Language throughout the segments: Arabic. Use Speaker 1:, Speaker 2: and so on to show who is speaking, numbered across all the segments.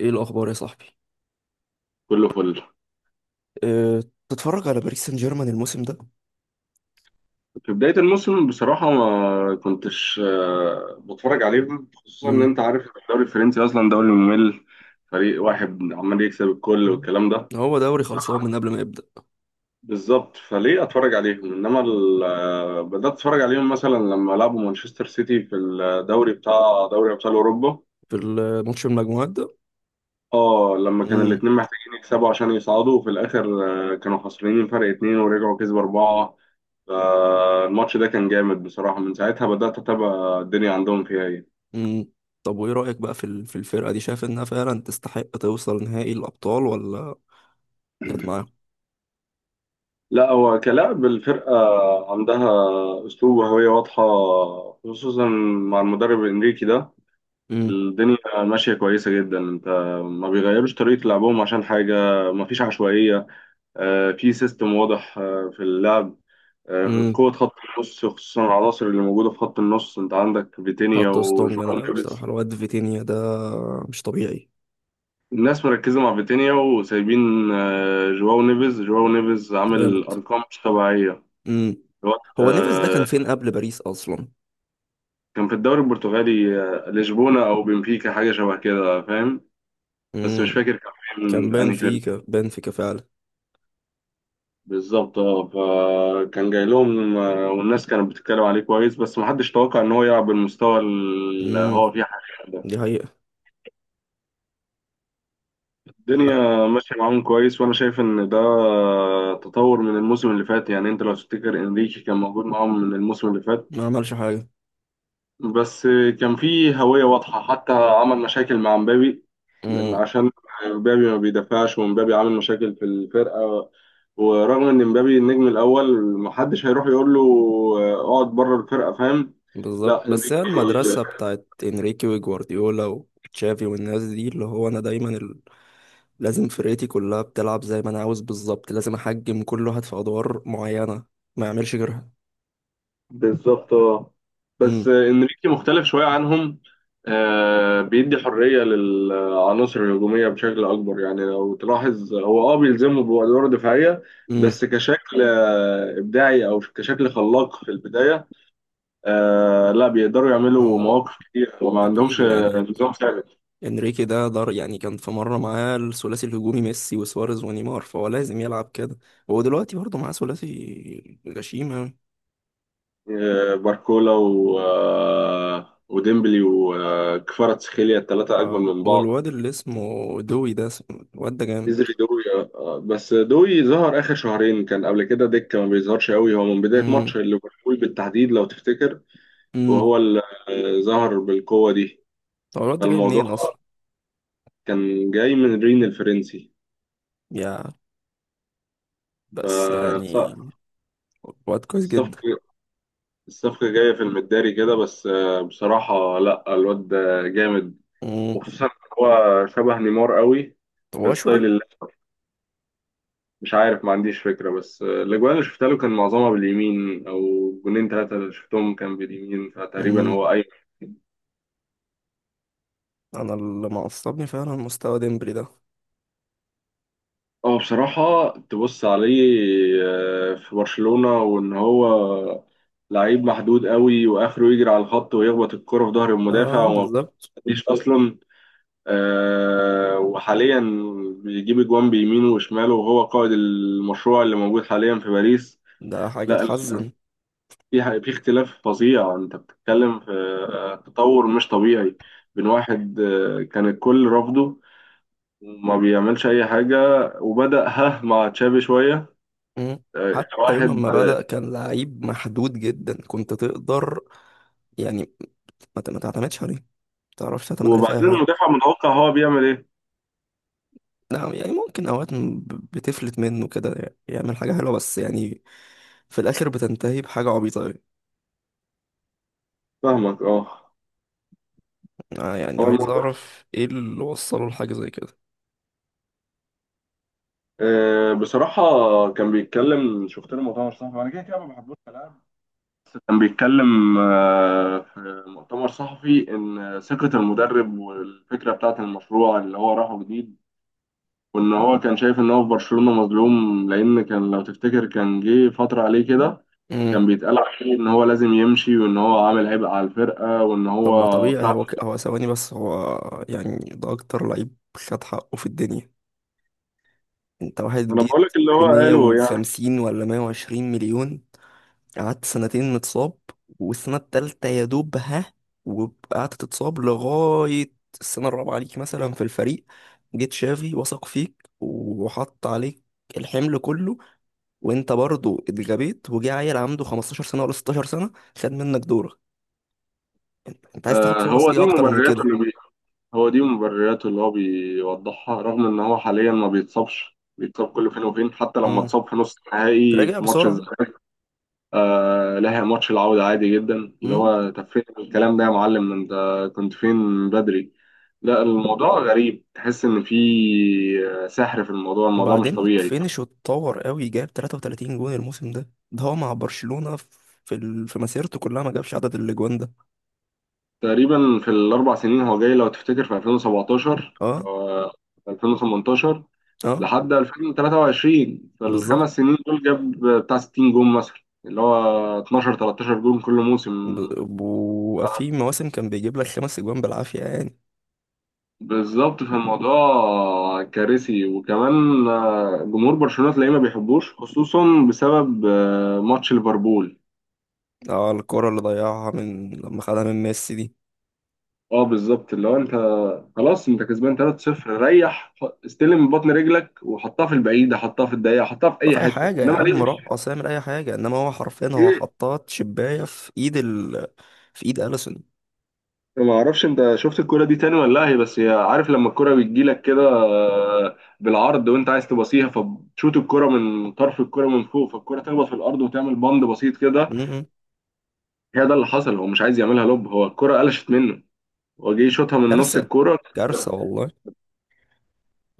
Speaker 1: ايه الاخبار يا صاحبي؟
Speaker 2: كله فل.
Speaker 1: أه. تتفرج على باريس سان جيرمان الموسم ده؟
Speaker 2: في بداية الموسم بصراحة ما كنتش بتفرج عليهم، خصوصا إن
Speaker 1: امم
Speaker 2: أنت عارف الدوري الفرنسي أصلا دوري ممل، فريق واحد عمال يكسب الكل والكلام ده.
Speaker 1: هو دوري خلصان من قبل ما يبدا.
Speaker 2: بالظبط، فليه أتفرج عليهم؟ إنما بدأت أتفرج عليهم مثلا لما لعبوا مانشستر سيتي في الدوري بتاع دوري أبطال أوروبا.
Speaker 1: في الماتش المجموعات ده؟
Speaker 2: اه، لما كان
Speaker 1: امم
Speaker 2: الاتنين محتاجين يكسبوا عشان يصعدوا وفي الآخر كانوا خسرانين فرق اتنين ورجعوا كسبوا أربعة. فالماتش ده كان جامد بصراحة، من ساعتها بدأت أتابع الدنيا عندهم فيها إيه.
Speaker 1: امم طب وايه رايك بقى في الفرقه دي؟ شايف انها فعلا تستحق توصل نهائي الابطال ولا جت معاهم؟
Speaker 2: لا، هو كلاعب الفرقة عندها أسلوب وهوية واضحة، خصوصا مع المدرب إنريكي ده.
Speaker 1: امم
Speaker 2: الدنيا ماشية كويسة جدا. أنت ما بيغيروش طريقة لعبهم عشان حاجة، ما فيش عشوائية، في سيستم واضح في اللعب،
Speaker 1: امم
Speaker 2: قوة خط النص، خصوصا العناصر اللي موجودة في خط النص، أنت عندك فيتينيا
Speaker 1: حط وسطهم جامد
Speaker 2: وجوان.
Speaker 1: قوي بصراحه، الواد فيتينيا ده مش طبيعي.
Speaker 2: الناس مركزة مع فيتينيا وسايبين جواو نيفيز عامل
Speaker 1: جامد.
Speaker 2: أرقام مش طبيعية
Speaker 1: امم
Speaker 2: الوقت
Speaker 1: هو نيفز ده كان فين قبل باريس اصلا؟
Speaker 2: كان في الدوري البرتغالي، لشبونة أو بنفيكا، حاجة شبه كده فاهم، بس
Speaker 1: امم
Speaker 2: مش فاكر كان
Speaker 1: كان
Speaker 2: فين
Speaker 1: بان
Speaker 2: أنهي فيلم.
Speaker 1: فيكا، بان فيكا فعلا.
Speaker 2: بالظبط، اه، فكان جاي لهم، والناس كانت بتتكلم عليه كويس، بس محدش توقع إن هو يلعب بالمستوى اللي
Speaker 1: امم
Speaker 2: هو فيه حاليا ده.
Speaker 1: دي حقيقه. حتى
Speaker 2: الدنيا ماشية معاهم كويس، وأنا شايف إن ده تطور من الموسم اللي فات. يعني أنت لو تفتكر إنريكي كان موجود معاهم من الموسم اللي فات،
Speaker 1: ما عملش حاجه.
Speaker 2: بس كان في هوية واضحة، حتى عمل مشاكل مع مبابي لأن
Speaker 1: امم
Speaker 2: عشان مبابي ما بيدافعش، ومبابي عامل مشاكل في الفرقة، ورغم إن مبابي النجم الأول، محدش هيروح يقول له اقعد بره الفرقة فاهم. لا،
Speaker 1: بالظبط. بس
Speaker 2: إنريكي
Speaker 1: هي المدرسة بتاعت انريكي وجوارديولا وتشافي والناس دي، اللي هو انا دايما لازم فرقتي كلها بتلعب زي ما انا عاوز، بالظبط، لازم احجم كل واحد في ادوار معينة، ما يعملش غيرها.
Speaker 2: بالظبط اه، بس
Speaker 1: امم
Speaker 2: انريكي مختلف شويه عنهم، بيدي حريه للعناصر الهجوميه بشكل اكبر. يعني لو تلاحظ هو اه بيلزمه بادوار دفاعيه،
Speaker 1: امم
Speaker 2: بس كشكل ابداعي او كشكل خلاق في البدايه، لا بيقدروا يعملوا
Speaker 1: هو
Speaker 2: مواقف كتير وما
Speaker 1: اكيد
Speaker 2: عندهمش
Speaker 1: يعني
Speaker 2: نظام ثابت.
Speaker 1: انريكي ده دار. يعني كان في مرة معاه الثلاثي الهجومي ميسي وسواريز ونيمار، فهو لازم يلعب كده. هو دلوقتي برضه معاه ثلاثي غشيم أوي.
Speaker 2: باركولا و آه وديمبلي وكفاراتسخيليا، الثلاثه اجمل
Speaker 1: اه،
Speaker 2: من بعض.
Speaker 1: والواد اللي اسمه دوي ده الواد ده جامد.
Speaker 2: نزل دوي بس دوي ظهر اخر شهرين، كان قبل كده دكه ما بيظهرش قوي، هو من بدايه ماتش ليفربول بالتحديد لو تفتكر،
Speaker 1: امم
Speaker 2: وهو اللي ظهر بالقوه دي.
Speaker 1: هو الواد ده جاي
Speaker 2: فالموضوع
Speaker 1: منين اصلا؟
Speaker 2: كان جاي من رين الفرنسي،
Speaker 1: يا بس يعني
Speaker 2: فالصفقه
Speaker 1: الواد كويس جدا.
Speaker 2: الصفقه جايه في المداري كده، بس بصراحه لا الواد ده جامد،
Speaker 1: امم
Speaker 2: وخصوصا إن هو شبه نيمار قوي في
Speaker 1: هو
Speaker 2: ستايل
Speaker 1: اشول.
Speaker 2: اللعب. مش عارف، ما عنديش فكرة، بس الأجوان اللي شفتها له كان معظمها باليمين، أو جونين ثلاثة اللي شفتهم كان باليمين، فتقريبا
Speaker 1: امم
Speaker 2: هو أي.
Speaker 1: انا اللي معصبني فعلا مستوى ديمبلي ده.
Speaker 2: هو بصراحة تبص عليه في برشلونة، وإن هو لعيب محدود قوي، وآخره يجري على الخط ويخبط الكرة في ظهر المدافع،
Speaker 1: اه
Speaker 2: وما
Speaker 1: بالظبط.
Speaker 2: بتعديش أصلا. وحاليا بيجيب أجوان بيمينه وشماله، وهو قائد المشروع اللي موجود حاليا في باريس.
Speaker 1: ده حاجه
Speaker 2: لا،
Speaker 1: تحزن.
Speaker 2: في اختلاف فظيع. انت بتتكلم في تطور مش طبيعي، بين واحد كان الكل رافضه وما بيعملش اي حاجه، وبدأ ها مع تشافي شويه،
Speaker 1: امم
Speaker 2: إلى
Speaker 1: حتى
Speaker 2: واحد
Speaker 1: يوم ما بدأ كان لعيب محدود جدا، كنت تقدر يعني ما تعتمدش عليه، ما تعرفش تعتمد عليه في اي
Speaker 2: وبعدين
Speaker 1: حاجه.
Speaker 2: المدافع متوقع هو بيعمل ايه.
Speaker 1: لا يعني ممكن اوقات بتفلت منه كده يعمل حاجه حلوه، بس يعني في الاخر بتنتهي بحاجه عبيطه أوي.
Speaker 2: فاهمك اه.
Speaker 1: آه، يعني
Speaker 2: هو
Speaker 1: عايز
Speaker 2: الموضوع
Speaker 1: اعرف ايه اللي وصله لحاجه زي كده.
Speaker 2: بصراحه كان بيتكلم، شفت له مؤتمر صحفي، انا كده كده ما بحبوش كلاعب. كان بيتكلم في مؤتمر صحفي، ان ثقه المدرب والفكره بتاعت المشروع اللي هو راحه جديد، وان هو كان شايف ان هو في برشلونة مظلوم، لان كان لو تفتكر كان جه فترة عليه كده،
Speaker 1: امم
Speaker 2: كان بيتقال عليه ان هو لازم يمشي، وان هو عامل عبء على الفرقة، وان
Speaker 1: طب ما
Speaker 2: هو
Speaker 1: طبيعي
Speaker 2: بتاع.
Speaker 1: هو هو ثواني بس. هو يعني ده اكتر لعيب خد حقه في الدنيا. انت واحد
Speaker 2: انا
Speaker 1: جيت
Speaker 2: بقول لك اللي
Speaker 1: ب
Speaker 2: هو قاله يعني.
Speaker 1: 150 ولا 120 مليون، قعدت 2 سنين متصاب، والسنة التالتة يا دوب ها، وقعدت تتصاب لغاية السنة الرابعة ليك مثلا في الفريق. جيت شافي وثق فيك وحط عليك الحمل كله، وانت برضو اتغبيت، وجه عيل عنده 15 سنة ولا 16 سنة خد منك دورك. انت عايز تاخد فرص
Speaker 2: هو
Speaker 1: ايه
Speaker 2: دي
Speaker 1: اكتر من
Speaker 2: مبرراته اللي بي هو دي مبرراته اللي هو بيوضحها، رغم ان هو حاليا ما بيتصابش، بيتصاب كل فين وفين، حتى لما
Speaker 1: كده؟
Speaker 2: اتصاب في نص النهائي
Speaker 1: رجع
Speaker 2: في ماتش
Speaker 1: بسرعة.
Speaker 2: الزمالك لها ماتش العودة عادي جدا. اللي
Speaker 1: امم
Speaker 2: هو طب فين الكلام ده يا معلم؟ انت كنت فين من بدري؟ لا، الموضوع غريب، تحس ان في سحر في الموضوع، الموضوع مش
Speaker 1: وبعدين
Speaker 2: طبيعي.
Speaker 1: فينش واتطور قوي، جاب 33 جون الموسم ده. ده هو مع برشلونة في مسيرته كلها ما جابش عدد الاجوان ده.
Speaker 2: تقريبا في الاربع سنين، هو جاي لو تفتكر في 2017
Speaker 1: اه.
Speaker 2: آه، 2018
Speaker 1: اه
Speaker 2: لحد 2023، في
Speaker 1: بالظبط.
Speaker 2: الخمس سنين دول جاب بتاع 60 جون مثلا، اللي هو 12 13 جون كل موسم.
Speaker 1: وفي مواسم كان بيجيب لك خمس اجوان بالعافية يعني.
Speaker 2: بالظبط، فالموضوع كارثي. وكمان جمهور برشلونة تلاقيه ما بيحبوش، خصوصا بسبب ماتش ليفربول.
Speaker 1: اه، الكرة اللي ضيعها من لما خدها من ميسي دي.
Speaker 2: اه بالظبط، اللي هو انت خلاص انت كسبان 3-0، ريح، استلم من بطن رجلك وحطها في البعيدة، حطها في الضيقة، حطها في
Speaker 1: طب
Speaker 2: اي
Speaker 1: اي
Speaker 2: حتة،
Speaker 1: حاجة يا
Speaker 2: انما
Speaker 1: عم،
Speaker 2: ليه؟
Speaker 1: رقص، اعمل اي حاجة، انما هو حرفيا هو
Speaker 2: ايه.
Speaker 1: حطات شباية في ايد في ايد اليسون.
Speaker 2: ما اعرفش انت شفت الكرة دي تاني ولا لا، هي بس هي عارف، لما الكرة بتجيلك كده بالعرض وانت عايز تباصيها، فبتشوت الكرة من طرف الكرة من فوق، فالكرة تخبط في الارض وتعمل بند بسيط كده.
Speaker 1: امم
Speaker 2: هي ده اللي حصل، هو مش عايز يعملها لوب، هو الكرة قلشت منه، هو جه يشوطها من نص
Speaker 1: كارثة.
Speaker 2: الكرة.
Speaker 1: كارثة والله.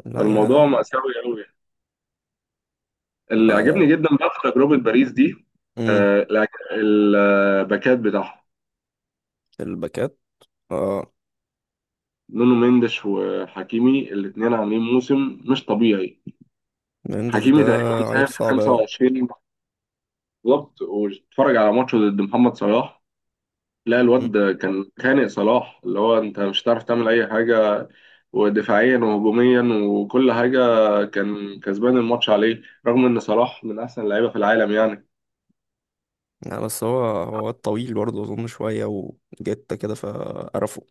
Speaker 1: لا
Speaker 2: فالموضوع
Speaker 1: يا.
Speaker 2: مأساوي قوي. اللي
Speaker 1: لا
Speaker 2: عجبني جدا بقى في تجربة باريس دي
Speaker 1: يعني
Speaker 2: آه، الع- الباكات بتاعهم،
Speaker 1: الباكات. اه،
Speaker 2: نونو مينديش وحكيمي، الاثنين عاملين موسم مش طبيعي.
Speaker 1: مندز ده
Speaker 2: حكيمي تقريبا مساهم
Speaker 1: عيل
Speaker 2: في
Speaker 1: صعب أوي.
Speaker 2: 25. بالظبط، واتفرج على ماتشه ضد محمد صلاح، لا
Speaker 1: مم.
Speaker 2: الواد كان خانق صلاح، اللي هو انت مش هتعرف تعمل اي حاجة، ودفاعيا وهجوميا وكل حاجة، كان كسبان الماتش عليه، رغم إن صلاح من أحسن اللعيبة في العالم يعني.
Speaker 1: يعني بس هو واد طويل برضه، أظن شوية وجته كده فقرفه.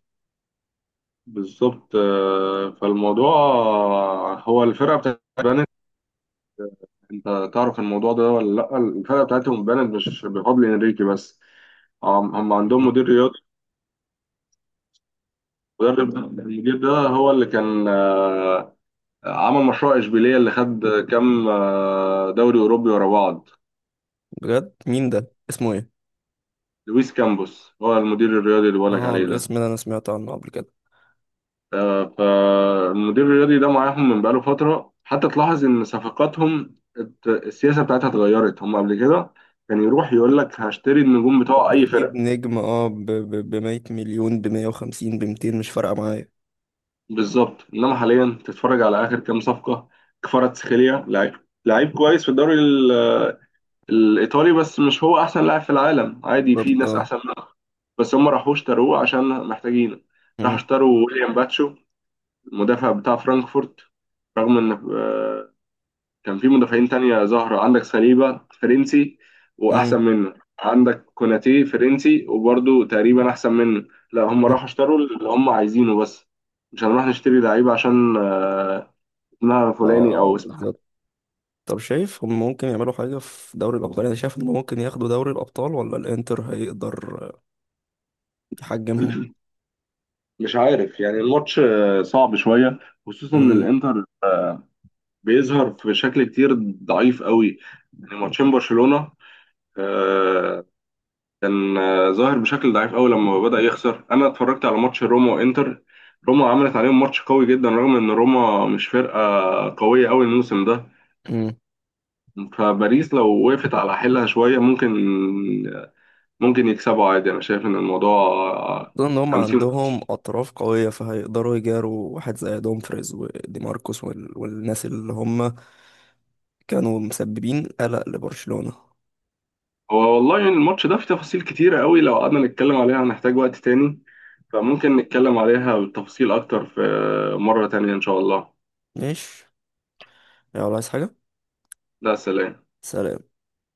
Speaker 2: بالظبط فالموضوع، هو الفرقة بتاعت بنت، أنت تعرف الموضوع ده ولا لأ؟ الفرقة بتاعتهم بنت مش بفضل إنريكي بس، هم عندهم
Speaker 1: مم.
Speaker 2: مدير رياضي، المدرب ده المدير ده هو اللي كان عمل مشروع إشبيلية، اللي خد كام دوري أوروبي ورا بعض.
Speaker 1: بجد مين ده، اسمه ايه؟
Speaker 2: لويس كامبوس، هو المدير الرياضي اللي بقولك
Speaker 1: اه،
Speaker 2: عليه ده.
Speaker 1: الاسم ده أنا سمعت عنه قبل كده.
Speaker 2: فالمدير الرياضي ده معاهم من بقاله فترة، حتى تلاحظ إن صفقاتهم السياسة بتاعتها اتغيرت. هم قبل كده كان يروح يقول لك هشتري النجوم بتوع أي
Speaker 1: هجيب
Speaker 2: فرقة،
Speaker 1: نجم بمية مليون، بمية وخمسين، بمتين، مش فارقة معايا.
Speaker 2: بالظبط. إنما حاليا تتفرج على آخر كام صفقة، كفاراتسخيليا لعيب، لعيب كويس في الإيطالي، بس مش هو أحسن لاعب في العالم، عادي في
Speaker 1: بالظبط
Speaker 2: ناس
Speaker 1: اه.
Speaker 2: أحسن منه، بس هم راحوش اشتروه عشان محتاجينه. راحوا
Speaker 1: مم.
Speaker 2: اشتروا ويليام باتشو المدافع بتاع فرانكفورت، رغم إن كان في مدافعين تانية ظاهرة، عندك ساليبا فرنسي
Speaker 1: مم.
Speaker 2: وأحسن منه، عندك كوناتي فرنسي وبرضه تقريبا أحسن منه، لا هم
Speaker 1: مم.
Speaker 2: راحوا اشتروا اللي هم عايزينه بس، مش هنروح نشتري لعيبة عشان اسمها فلاني
Speaker 1: اه
Speaker 2: أو اسمها.
Speaker 1: بالظبط. طب شايف هم ممكن يعملوا حاجة في دوري الأبطال؟ أنا شايف إن ممكن ياخدوا دوري الأبطال، ولا الإنتر هيقدر يحجمهم؟
Speaker 2: مش عارف، يعني الماتش صعب شوية، خصوصا إن
Speaker 1: مم.
Speaker 2: الإنتر بيظهر في شكل كتير ضعيف قوي، يعني ماتشين برشلونة آه، كان ظاهر بشكل ضعيف قوي لما بدأ يخسر. انا اتفرجت على ماتش روما وانتر، روما عملت عليهم ماتش قوي جدا، رغم ان روما مش فرقة قوية قوي الموسم ده. فباريس لو وقفت على حيلها شوية ممكن، ممكن يكسبوا عادي. انا شايف ان الموضوع
Speaker 1: خصوصا ان هم
Speaker 2: 50.
Speaker 1: عندهم اطراف قويه، فهيقدروا يجاروا واحد زي دومفريز ودي ماركوس والناس اللي هم كانوا مسببين قلق لبرشلونه.
Speaker 2: هو والله يعني الماتش ده فيه تفاصيل كتيرة قوي، لو قعدنا نتكلم عليها هنحتاج وقت تاني، فممكن نتكلم عليها بالتفصيل اكتر في مرة تانية ان شاء الله.
Speaker 1: ماشي. يلا، عايز حاجه؟
Speaker 2: ده، سلام.
Speaker 1: سلام.